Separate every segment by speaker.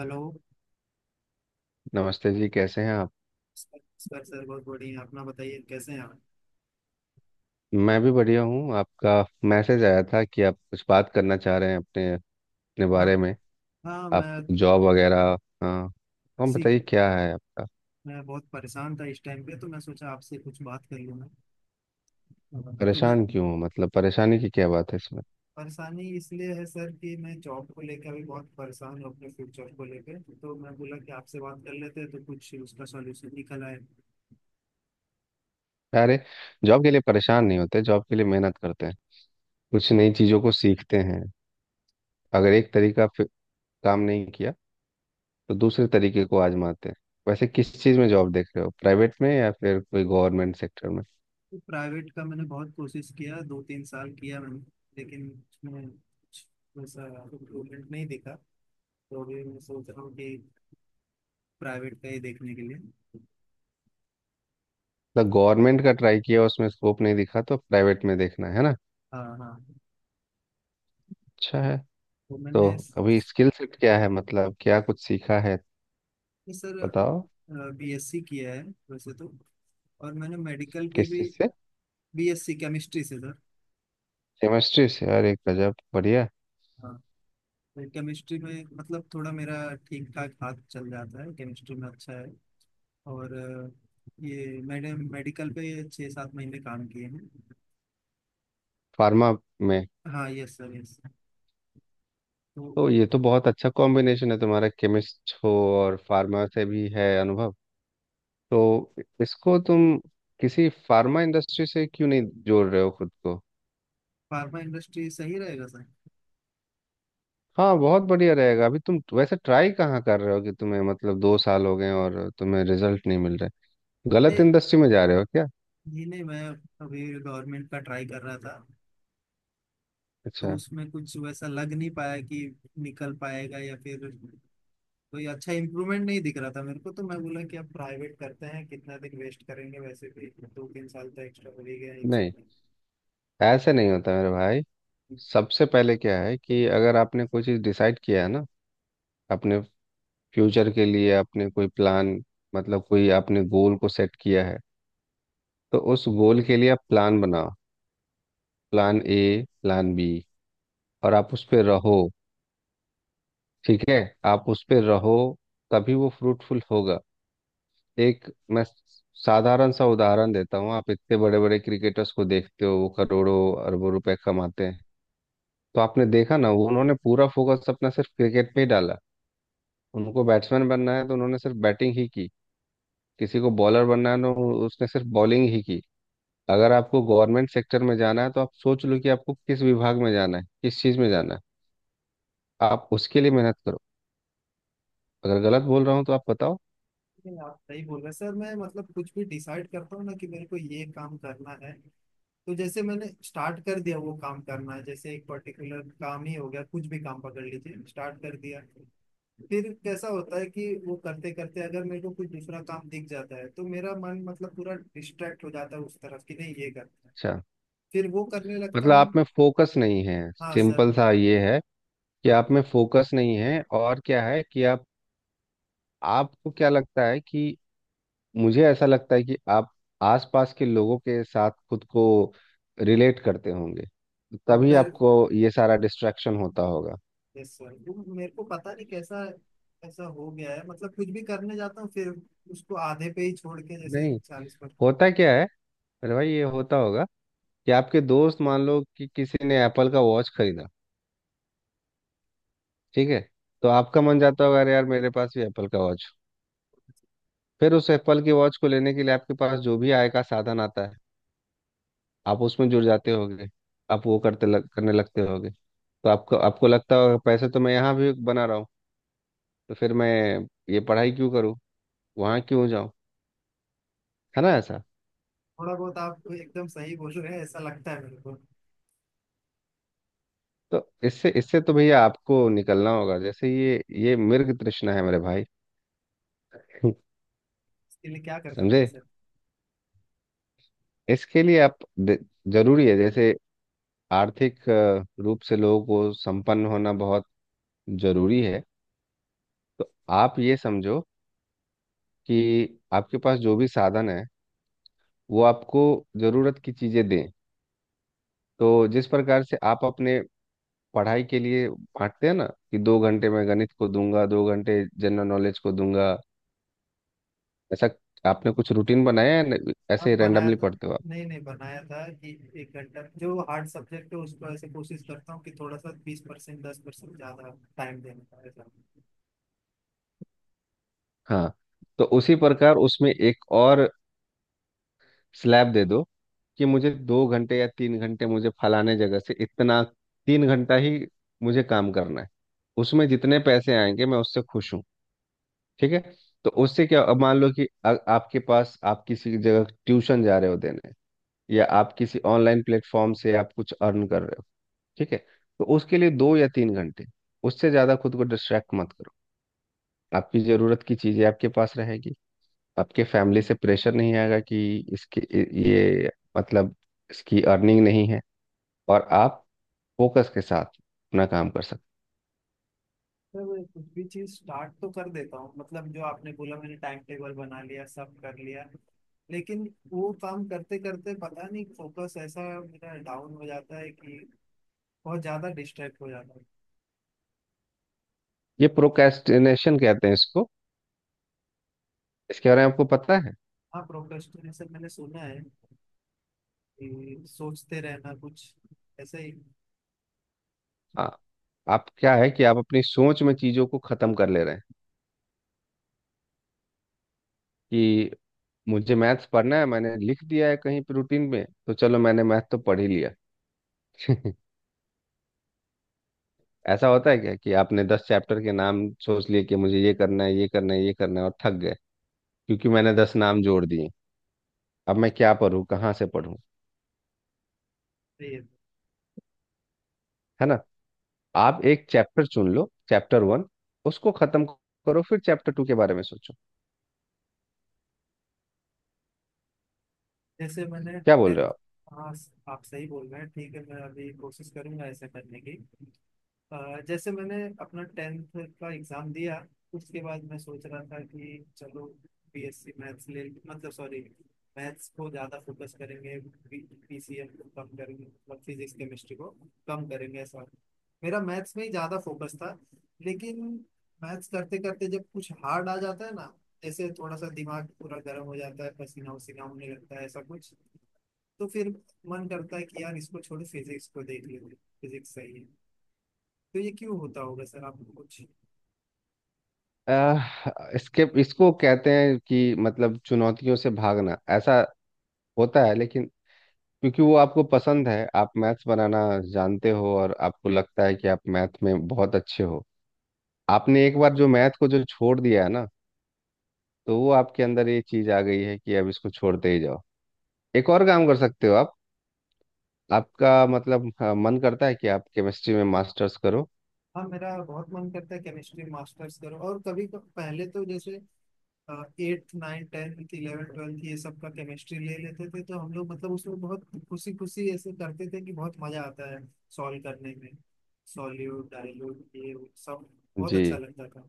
Speaker 1: Hello.
Speaker 2: नमस्ते जी, कैसे हैं आप।
Speaker 1: सर सर सर, बहुत बढ़िया हैं। अपना बताइए कैसे हैं आप।
Speaker 2: मैं भी बढ़िया हूँ। आपका मैसेज आया था कि आप कुछ बात करना चाह रहे हैं अपने अपने
Speaker 1: हाँ
Speaker 2: बारे में।
Speaker 1: हाँ।
Speaker 2: आप जॉब वगैरह। हाँ, हम
Speaker 1: इसी
Speaker 2: बताइए क्या है आपका।
Speaker 1: मैं बहुत परेशान था इस टाइम पे, तो मैं सोचा आपसे कुछ बात कर लूँ। मैं तो मैं
Speaker 2: परेशान क्यों हो, मतलब परेशानी की क्या बात है इसमें।
Speaker 1: परेशानी इसलिए है सर कि मैं जॉब को लेकर अभी बहुत परेशान हूँ, अपने फ्यूचर को लेकर, तो मैं बोला कि आपसे बात कर लेते हैं तो कुछ उसका सॉल्यूशन निकल आए।
Speaker 2: अरे, जॉब के लिए परेशान नहीं होते, जॉब के लिए मेहनत करते हैं। कुछ नई चीज़ों को सीखते हैं। अगर एक तरीका काम नहीं किया तो दूसरे तरीके को आजमाते हैं। वैसे किस चीज़ में जॉब देख रहे हो, प्राइवेट में या फिर कोई गवर्नमेंट सेक्टर में।
Speaker 1: तो प्राइवेट का मैंने बहुत कोशिश किया, 2-3 साल किया मैंने, लेकिन उसमें कुछ वैसा इम्प्रूवमेंट नहीं दिखा। तो अभी मैं सोच रहा हूँ कि प्राइवेट का ही देखने के लिए।
Speaker 2: मतलब गवर्नमेंट का ट्राई किया, उसमें स्कोप नहीं दिखा तो प्राइवेट में देखना है ना।
Speaker 1: हाँ हाँ।
Speaker 2: अच्छा है।
Speaker 1: तो
Speaker 2: तो
Speaker 1: मैंने
Speaker 2: अभी स्किल सेट क्या है, मतलब क्या कुछ सीखा है,
Speaker 1: सर
Speaker 2: बताओ।
Speaker 1: बीएससी किया है वैसे तो। और मैंने मेडिकल पे
Speaker 2: किस
Speaker 1: भी।
Speaker 2: चीज से।
Speaker 1: बीएससी केमिस्ट्री से सर।
Speaker 2: केमिस्ट्री से, अरे गजब, बढ़िया।
Speaker 1: हाँ। तो केमिस्ट्री में मतलब थोड़ा मेरा ठीक ठाक हाथ चल जाता है, केमिस्ट्री में अच्छा है। और ये मैंने मेडिकल पे 6-7 महीने काम किए हैं।
Speaker 2: फार्मा में।
Speaker 1: हाँ, यस सर, यस। तो
Speaker 2: तो ये तो बहुत अच्छा कॉम्बिनेशन है तुम्हारा, केमिस्ट हो और फार्मा से भी है अनुभव। तो इसको तुम किसी फार्मा इंडस्ट्री से क्यों नहीं जोड़ रहे हो खुद को।
Speaker 1: फार्मा इंडस्ट्री सही रहेगा सर।
Speaker 2: हाँ बहुत बढ़िया रहेगा। अभी तुम वैसे ट्राई कहाँ कर रहे हो कि तुम्हें, मतलब दो साल हो गए और तुम्हें रिजल्ट नहीं मिल रहा है? गलत
Speaker 1: नहीं
Speaker 2: इंडस्ट्री में जा रहे हो क्या।
Speaker 1: नहीं नहीं, मैं अभी गवर्नमेंट का ट्राई कर रहा था। तो
Speaker 2: अच्छा।
Speaker 1: उसमें कुछ वैसा लग नहीं पाया कि निकल पाएगा, या फिर कोई अच्छा इम्प्रूवमेंट नहीं दिख रहा था मेरे को, तो मैं बोला कि अब प्राइवेट करते हैं, कितना दिन वेस्ट करेंगे वैसे भी। 2-3 साल तो एक्स्ट्रा हो ही गया एग्जाम
Speaker 2: नहीं,
Speaker 1: में।
Speaker 2: ऐसे नहीं होता मेरे भाई। सबसे पहले क्या है कि अगर आपने कोई चीज़ डिसाइड किया है ना, अपने फ्यूचर के लिए आपने कोई प्लान, मतलब कोई आपने गोल को सेट किया है, तो उस गोल के लिए आप प्लान बनाओ, प्लान ए, प्लान बी, और आप उस पे रहो। ठीक है, आप उस पे रहो, तभी वो फ्रूटफुल होगा। एक मैं साधारण सा उदाहरण देता हूँ, आप इतने बड़े बड़े क्रिकेटर्स को देखते हो, वो करोड़ों अरबों रुपए कमाते हैं। तो आपने देखा ना, उन्होंने पूरा फोकस अपना सिर्फ क्रिकेट पे ही डाला। उनको बैट्समैन बनना है तो उन्होंने सिर्फ बैटिंग ही की, किसी को बॉलर बनना है तो उसने सिर्फ बॉलिंग ही की। अगर आपको गवर्नमेंट सेक्टर में जाना है तो आप सोच लो कि आपको किस विभाग में जाना है, किस चीज में जाना है, आप उसके लिए मेहनत करो। अगर गलत बोल रहा हूँ तो आप बताओ।
Speaker 1: नहीं, आप सही बोल रहे हैं सर। मैं मतलब कुछ भी डिसाइड करता हूँ ना कि मेरे को ये काम करना है, तो जैसे मैंने स्टार्ट कर दिया, वो काम करना है। जैसे एक पर्टिकुलर काम ही हो गया, कुछ भी काम पकड़ लीजिए, स्टार्ट कर दिया। फिर कैसा होता है कि वो करते करते अगर मेरे को कुछ दूसरा काम दिख जाता है, तो मेरा मन मतलब पूरा डिस्ट्रैक्ट हो जाता है उस तरफ, कि नहीं, ये करना है।
Speaker 2: अच्छा।
Speaker 1: फिर वो करने लगता
Speaker 2: मतलब आप
Speaker 1: हूँ।
Speaker 2: में फोकस नहीं है,
Speaker 1: हाँ सर।
Speaker 2: सिंपल सा ये है कि
Speaker 1: हाँ।
Speaker 2: आप में फोकस नहीं है। और क्या है कि आप, आपको क्या लगता है कि, मुझे ऐसा लगता है कि आप आसपास के लोगों के साथ खुद को रिलेट करते होंगे, तभी
Speaker 1: कंपेयर।
Speaker 2: आपको ये सारा डिस्ट्रैक्शन होता होगा।
Speaker 1: यस सर, वो मेरे को पता नहीं कैसा ऐसा हो गया है, मतलब कुछ भी करने जाता हूँ, फिर उसको आधे पे ही छोड़ के, जैसे
Speaker 2: नहीं,
Speaker 1: 40 पर।
Speaker 2: होता क्या है, अरे भाई ये होता होगा कि आपके दोस्त, मान लो कि किसी ने एप्पल का वॉच खरीदा, ठीक है, तो आपका मन जाता होगा, अरे यार मेरे पास भी एप्पल का वॉच। फिर उस एप्पल के वॉच को लेने के लिए आपके पास जो भी आय का साधन आता है, आप उसमें जुड़ जाते होगे। आप वो करने लगते होगे। तो आपको आपको लगता होगा पैसे तो मैं यहाँ भी बना रहा हूँ, तो फिर मैं ये पढ़ाई क्यों करूँ, वहाँ क्यों जाऊँ, है ना ऐसा।
Speaker 1: थोड़ा बहुत आप एकदम सही बोल रहे हैं, ऐसा लगता है मेरे को।
Speaker 2: तो इससे इससे तो भैया आपको निकलना होगा, जैसे ये मृग तृष्णा है मेरे भाई।
Speaker 1: इसके लिए क्या कर सकते हैं
Speaker 2: समझे।
Speaker 1: सर?
Speaker 2: इसके लिए आप जरूरी है, जैसे आर्थिक रूप से लोगों को संपन्न होना बहुत जरूरी है। आप ये समझो कि आपके पास जो भी साधन है, वो आपको जरूरत की चीजें दें। तो जिस प्रकार से आप अपने पढ़ाई के लिए बांटते हैं ना, कि दो घंटे मैं गणित को दूंगा, दो घंटे जनरल नॉलेज को दूंगा, ऐसा आपने कुछ रूटीन बनाया है
Speaker 1: आप
Speaker 2: ऐसे
Speaker 1: बनाया
Speaker 2: रैंडमली
Speaker 1: था।
Speaker 2: पढ़ते हो आप।
Speaker 1: नहीं नहीं, बनाया था कि 1 घंटा जो हार्ड सब्जेक्ट है उसको ऐसे कोशिश करता हूँ कि थोड़ा सा 20% 10% ज़्यादा टाइम देने का, ऐसा।
Speaker 2: हाँ, तो उसी प्रकार उसमें एक और स्लैब दे दो, कि मुझे दो घंटे या तीन घंटे, मुझे फलाने जगह से इतना, तीन घंटा ही मुझे काम करना है, उसमें जितने पैसे आएंगे मैं उससे खुश हूँ। ठीक है। तो उससे क्या, अब मान लो कि आपके पास, आप किसी जगह ट्यूशन जा रहे हो देने, या आप किसी ऑनलाइन प्लेटफॉर्म से आप कुछ अर्न कर रहे हो, ठीक है, तो उसके लिए दो या तीन घंटे, उससे ज़्यादा खुद को डिस्ट्रैक्ट मत करो। आपकी ज़रूरत की चीज़ें आपके पास रहेगी, आपके फैमिली से प्रेशर नहीं आएगा कि इसके, ये, मतलब इसकी अर्निंग नहीं है, और आप फोकस के साथ अपना काम कर सकते।
Speaker 1: सर, मैं कुछ भी चीज स्टार्ट तो कर देता हूँ, मतलब जो आपने बोला मैंने टाइम टेबल बना लिया, सब कर लिया, लेकिन वो काम करते करते पता नहीं फोकस ऐसा मेरा डाउन हो जाता है कि बहुत ज्यादा डिस्ट्रैक्ट हो जाता है।
Speaker 2: ये प्रोक्रेस्टिनेशन कहते हैं इसको, इसके बारे में आपको पता है।
Speaker 1: हाँ, प्रोक्रेस्टिनेशन मैंने सुना है, कि सोचते रहना कुछ ऐसे ही।
Speaker 2: हाँ। आप, क्या है कि आप अपनी सोच में चीज़ों को ख़त्म कर ले रहे हैं, कि मुझे मैथ्स पढ़ना है, मैंने लिख दिया है कहीं पे रूटीन में, तो चलो मैंने मैथ तो पढ़ ही लिया। ऐसा होता है क्या कि आपने दस चैप्टर के नाम सोच लिए, कि मुझे ये करना है, ये करना है, ये करना है, और थक गए, क्योंकि मैंने दस नाम जोड़ दिए। अब मैं क्या पढूं, कहाँ से पढूं,
Speaker 1: सही है।
Speaker 2: है ना। आप एक चैप्टर चुन लो, चैप्टर वन, उसको खत्म करो, फिर चैप्टर टू के बारे में सोचो।
Speaker 1: जैसे मैंने
Speaker 2: क्या बोल
Speaker 1: टे-
Speaker 2: रहे हो आप।
Speaker 1: हाँ, आप सही बोल रहे हैं, ठीक है, मैं अभी कोशिश करूंगा ऐसे करने की। जैसे मैंने अपना 10th का एग्जाम दिया, उसके बाद मैं सोच रहा था कि चलो बीएससी मैथ्स ले, मतलब सॉरी, मैथ्स को ज़्यादा फोकस करेंगे, पीसीएम को कम करेंगे, मतलब फिजिक्स केमिस्ट्री को कम करेंगे, ऐसा। मेरा मैथ्स में ही ज़्यादा फोकस था, लेकिन मैथ्स करते करते जब कुछ हार्ड आ जाता है ना, जैसे थोड़ा सा दिमाग पूरा गर्म हो जाता है, पसीना वसीना होने लगता है, ऐसा कुछ। तो फिर मन करता है कि यार इसको छोड़, फिजिक्स को देख लेते, फिजिक्स सही है। तो ये क्यों होता होगा सर, आपको कुछ?
Speaker 2: इसके, इसको कहते हैं कि, मतलब चुनौतियों से भागना, ऐसा होता है। लेकिन क्योंकि वो आपको पसंद है, आप मैथ्स बनाना जानते हो और आपको लगता है कि आप मैथ में बहुत अच्छे हो। आपने एक बार जो मैथ को जो छोड़ दिया है ना, तो वो आपके अंदर ये चीज आ गई है कि अब इसको छोड़ते ही जाओ। एक और काम कर सकते हो आप। आपका मतलब, हाँ, मन करता है कि आप केमिस्ट्री में मास्टर्स करो।
Speaker 1: हाँ, मेरा बहुत मन करता है केमिस्ट्री मास्टर्स करो। और कभी पहले तो जैसे 8th 9th 10th 11th 12th ये सब का केमिस्ट्री ले लेते थे, तो हम लोग मतलब उसमें बहुत खुशी खुशी ऐसे करते थे कि बहुत मजा आता है सॉल्व करने में। सॉल्यूट डाइल्यूट, ये वो सब बहुत
Speaker 2: जी।
Speaker 1: अच्छा लगता था।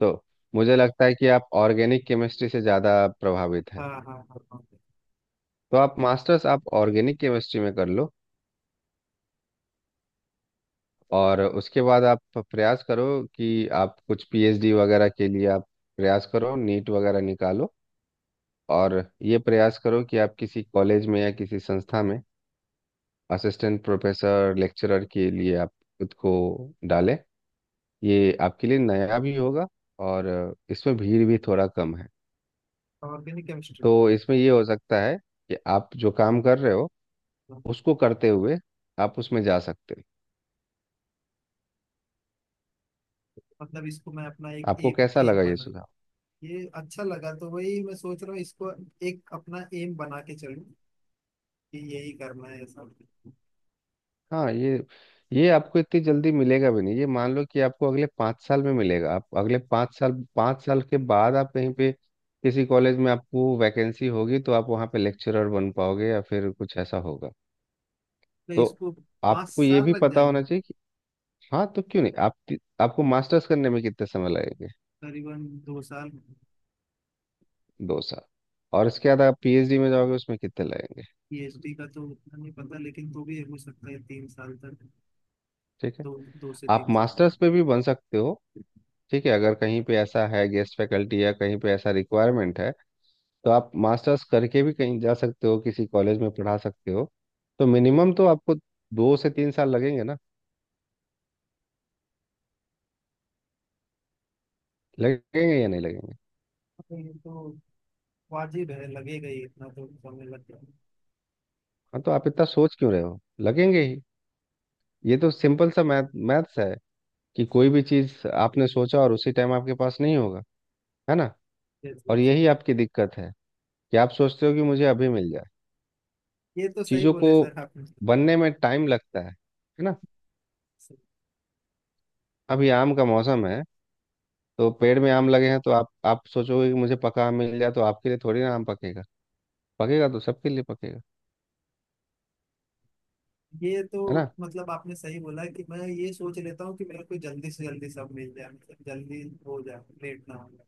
Speaker 2: तो मुझे लगता है कि आप ऑर्गेनिक केमिस्ट्री से ज़्यादा प्रभावित हैं।
Speaker 1: हाँ हाँ हाँ हाँ।
Speaker 2: तो आप मास्टर्स आप ऑर्गेनिक केमिस्ट्री में कर लो, और उसके बाद आप प्रयास करो कि आप कुछ पीएचडी वगैरह के लिए आप प्रयास करो, नीट वगैरह निकालो। और ये प्रयास करो कि आप किसी कॉलेज में या किसी संस्था में असिस्टेंट प्रोफेसर, लेक्चरर के लिए आप खुद को डालें। ये आपके लिए नया भी होगा, और इसमें भीड़ भी थोड़ा कम है।
Speaker 1: Organic chemistry.
Speaker 2: तो इसमें ये हो सकता है कि आप जो काम कर रहे हो, उसको करते हुए आप उसमें जा सकते हो।
Speaker 1: मतलब इसको मैं अपना एक
Speaker 2: आपको
Speaker 1: एम
Speaker 2: कैसा
Speaker 1: एम
Speaker 2: लगा ये
Speaker 1: बना,
Speaker 2: सुझाव।
Speaker 1: ये अच्छा लगा, तो वही मैं सोच रहा हूँ इसको एक अपना एम बना के चलूँ, कि यही करना है सब।
Speaker 2: हाँ, ये आपको इतनी जल्दी मिलेगा भी नहीं, ये मान लो कि आपको अगले पाँच साल में मिलेगा। आप अगले पाँच साल, पाँच साल के बाद आप कहीं पे किसी कॉलेज में आपको वैकेंसी होगी तो आप वहाँ पे लेक्चरर बन पाओगे, या फिर कुछ ऐसा होगा,
Speaker 1: तो
Speaker 2: तो
Speaker 1: इसको पाँच
Speaker 2: आपको ये
Speaker 1: साल
Speaker 2: भी
Speaker 1: लग
Speaker 2: पता
Speaker 1: जाएंगे।
Speaker 2: होना चाहिए। हाँ, तो क्यों नहीं आप, आपको मास्टर्स करने में कितने समय लगेंगे।
Speaker 1: करीबन 2 साल।
Speaker 2: दो साल। और इसके बाद आप पीएचडी में जाओगे, उसमें कितने लगेंगे।
Speaker 1: पीएचडी का तो उतना नहीं पता, लेकिन तो भी हो सकता है 3 साल तक।
Speaker 2: ठीक है।
Speaker 1: दो दो से
Speaker 2: आप
Speaker 1: तीन साल तक।
Speaker 2: मास्टर्स पे भी बन सकते हो, ठीक है, अगर कहीं पे ऐसा है गेस्ट फैकल्टी या कहीं पे ऐसा रिक्वायरमेंट है, तो आप मास्टर्स करके भी कहीं जा सकते हो, किसी कॉलेज में पढ़ा सकते हो। तो मिनिमम तो आपको दो से तीन साल लगेंगे ना, लगेंगे या नहीं लगेंगे।
Speaker 1: ये तो वाजिब है, लगेगा ही, इतना तो समय लग जाएगा।
Speaker 2: हाँ, तो आप इतना सोच क्यों रहे हो, लगेंगे ही। ये तो सिंपल सा मैथ्स है, कि कोई भी चीज़ आपने सोचा और उसी टाइम आपके पास नहीं होगा, है ना।
Speaker 1: जैसे
Speaker 2: और
Speaker 1: जैसे।
Speaker 2: यही आपकी दिक्कत है कि आप सोचते हो कि मुझे अभी मिल जाए।
Speaker 1: ये तो सही
Speaker 2: चीज़ों को
Speaker 1: बोले सर आपने।
Speaker 2: बनने में टाइम लगता है ना। अभी आम का मौसम है, तो पेड़ में आम लगे हैं, तो आप सोचोगे कि मुझे पका आम मिल जाए, तो आपके लिए थोड़ी ना आम पकेगा, पकेगा तो सबके लिए पकेगा,
Speaker 1: ये तो
Speaker 2: है ना।
Speaker 1: मतलब आपने सही बोला कि मैं ये सोच लेता हूँ कि मेरे को जल्दी से जल्दी सब मिल जाए, मतलब जल्दी हो जाए, लेट ना हो जाए,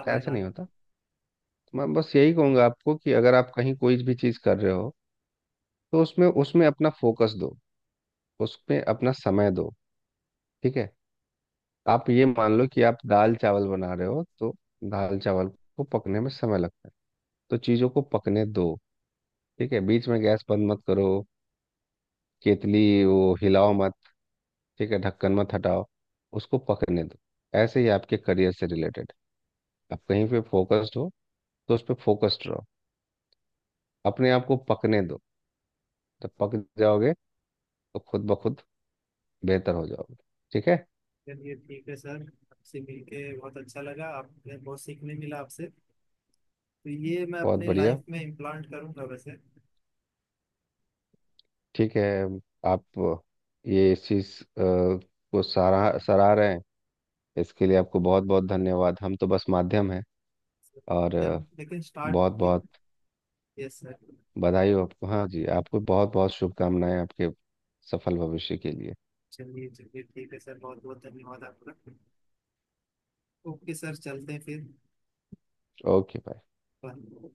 Speaker 1: समय
Speaker 2: ऐसा
Speaker 1: ना
Speaker 2: नहीं
Speaker 1: लगे।
Speaker 2: होता। मैं बस यही कहूंगा आपको कि अगर आप कहीं कोई भी चीज़ कर रहे हो, तो उसमें उसमें अपना फोकस दो, उसमें अपना समय दो, ठीक है। आप ये मान लो कि आप दाल चावल बना रहे हो, तो दाल चावल को पकने में समय लगता है, तो चीज़ों को पकने दो, ठीक है, बीच में गैस बंद मत करो, केतली वो हिलाओ मत, ठीक है, ढक्कन मत हटाओ, उसको पकने दो। ऐसे ही आपके करियर से रिलेटेड, आप कहीं पे फोकस्ड हो तो उस पर फोकस्ड रहो, अपने आप को पकने दो, जब पक जाओगे तो खुद ब खुद बेहतर हो जाओगे, ठीक है।
Speaker 1: चलिए, ठीक है सर, आपसे मिलके बहुत अच्छा लगा, आपने बहुत सीखने मिला आपसे। तो ये मैं
Speaker 2: बहुत
Speaker 1: अपनी
Speaker 2: बढ़िया,
Speaker 1: लाइफ में इम्प्लांट करूंगा वैसे।
Speaker 2: ठीक है। आप ये इस चीज़ को सराह सराह रहे हैं, इसके लिए आपको बहुत बहुत धन्यवाद, हम तो बस माध्यम हैं। और
Speaker 1: ये हम लेकिन स्टार्ट।
Speaker 2: बहुत बहुत
Speaker 1: यस सर।
Speaker 2: बधाई हो आपको। हाँ जी, आपको बहुत बहुत शुभकामनाएं आपके सफल भविष्य के लिए।
Speaker 1: चलिए चलिए, ठीक है सर, बहुत बहुत धन्यवाद आपका। ओके सर, चलते हैं फिर।
Speaker 2: Okay bye.
Speaker 1: बाय।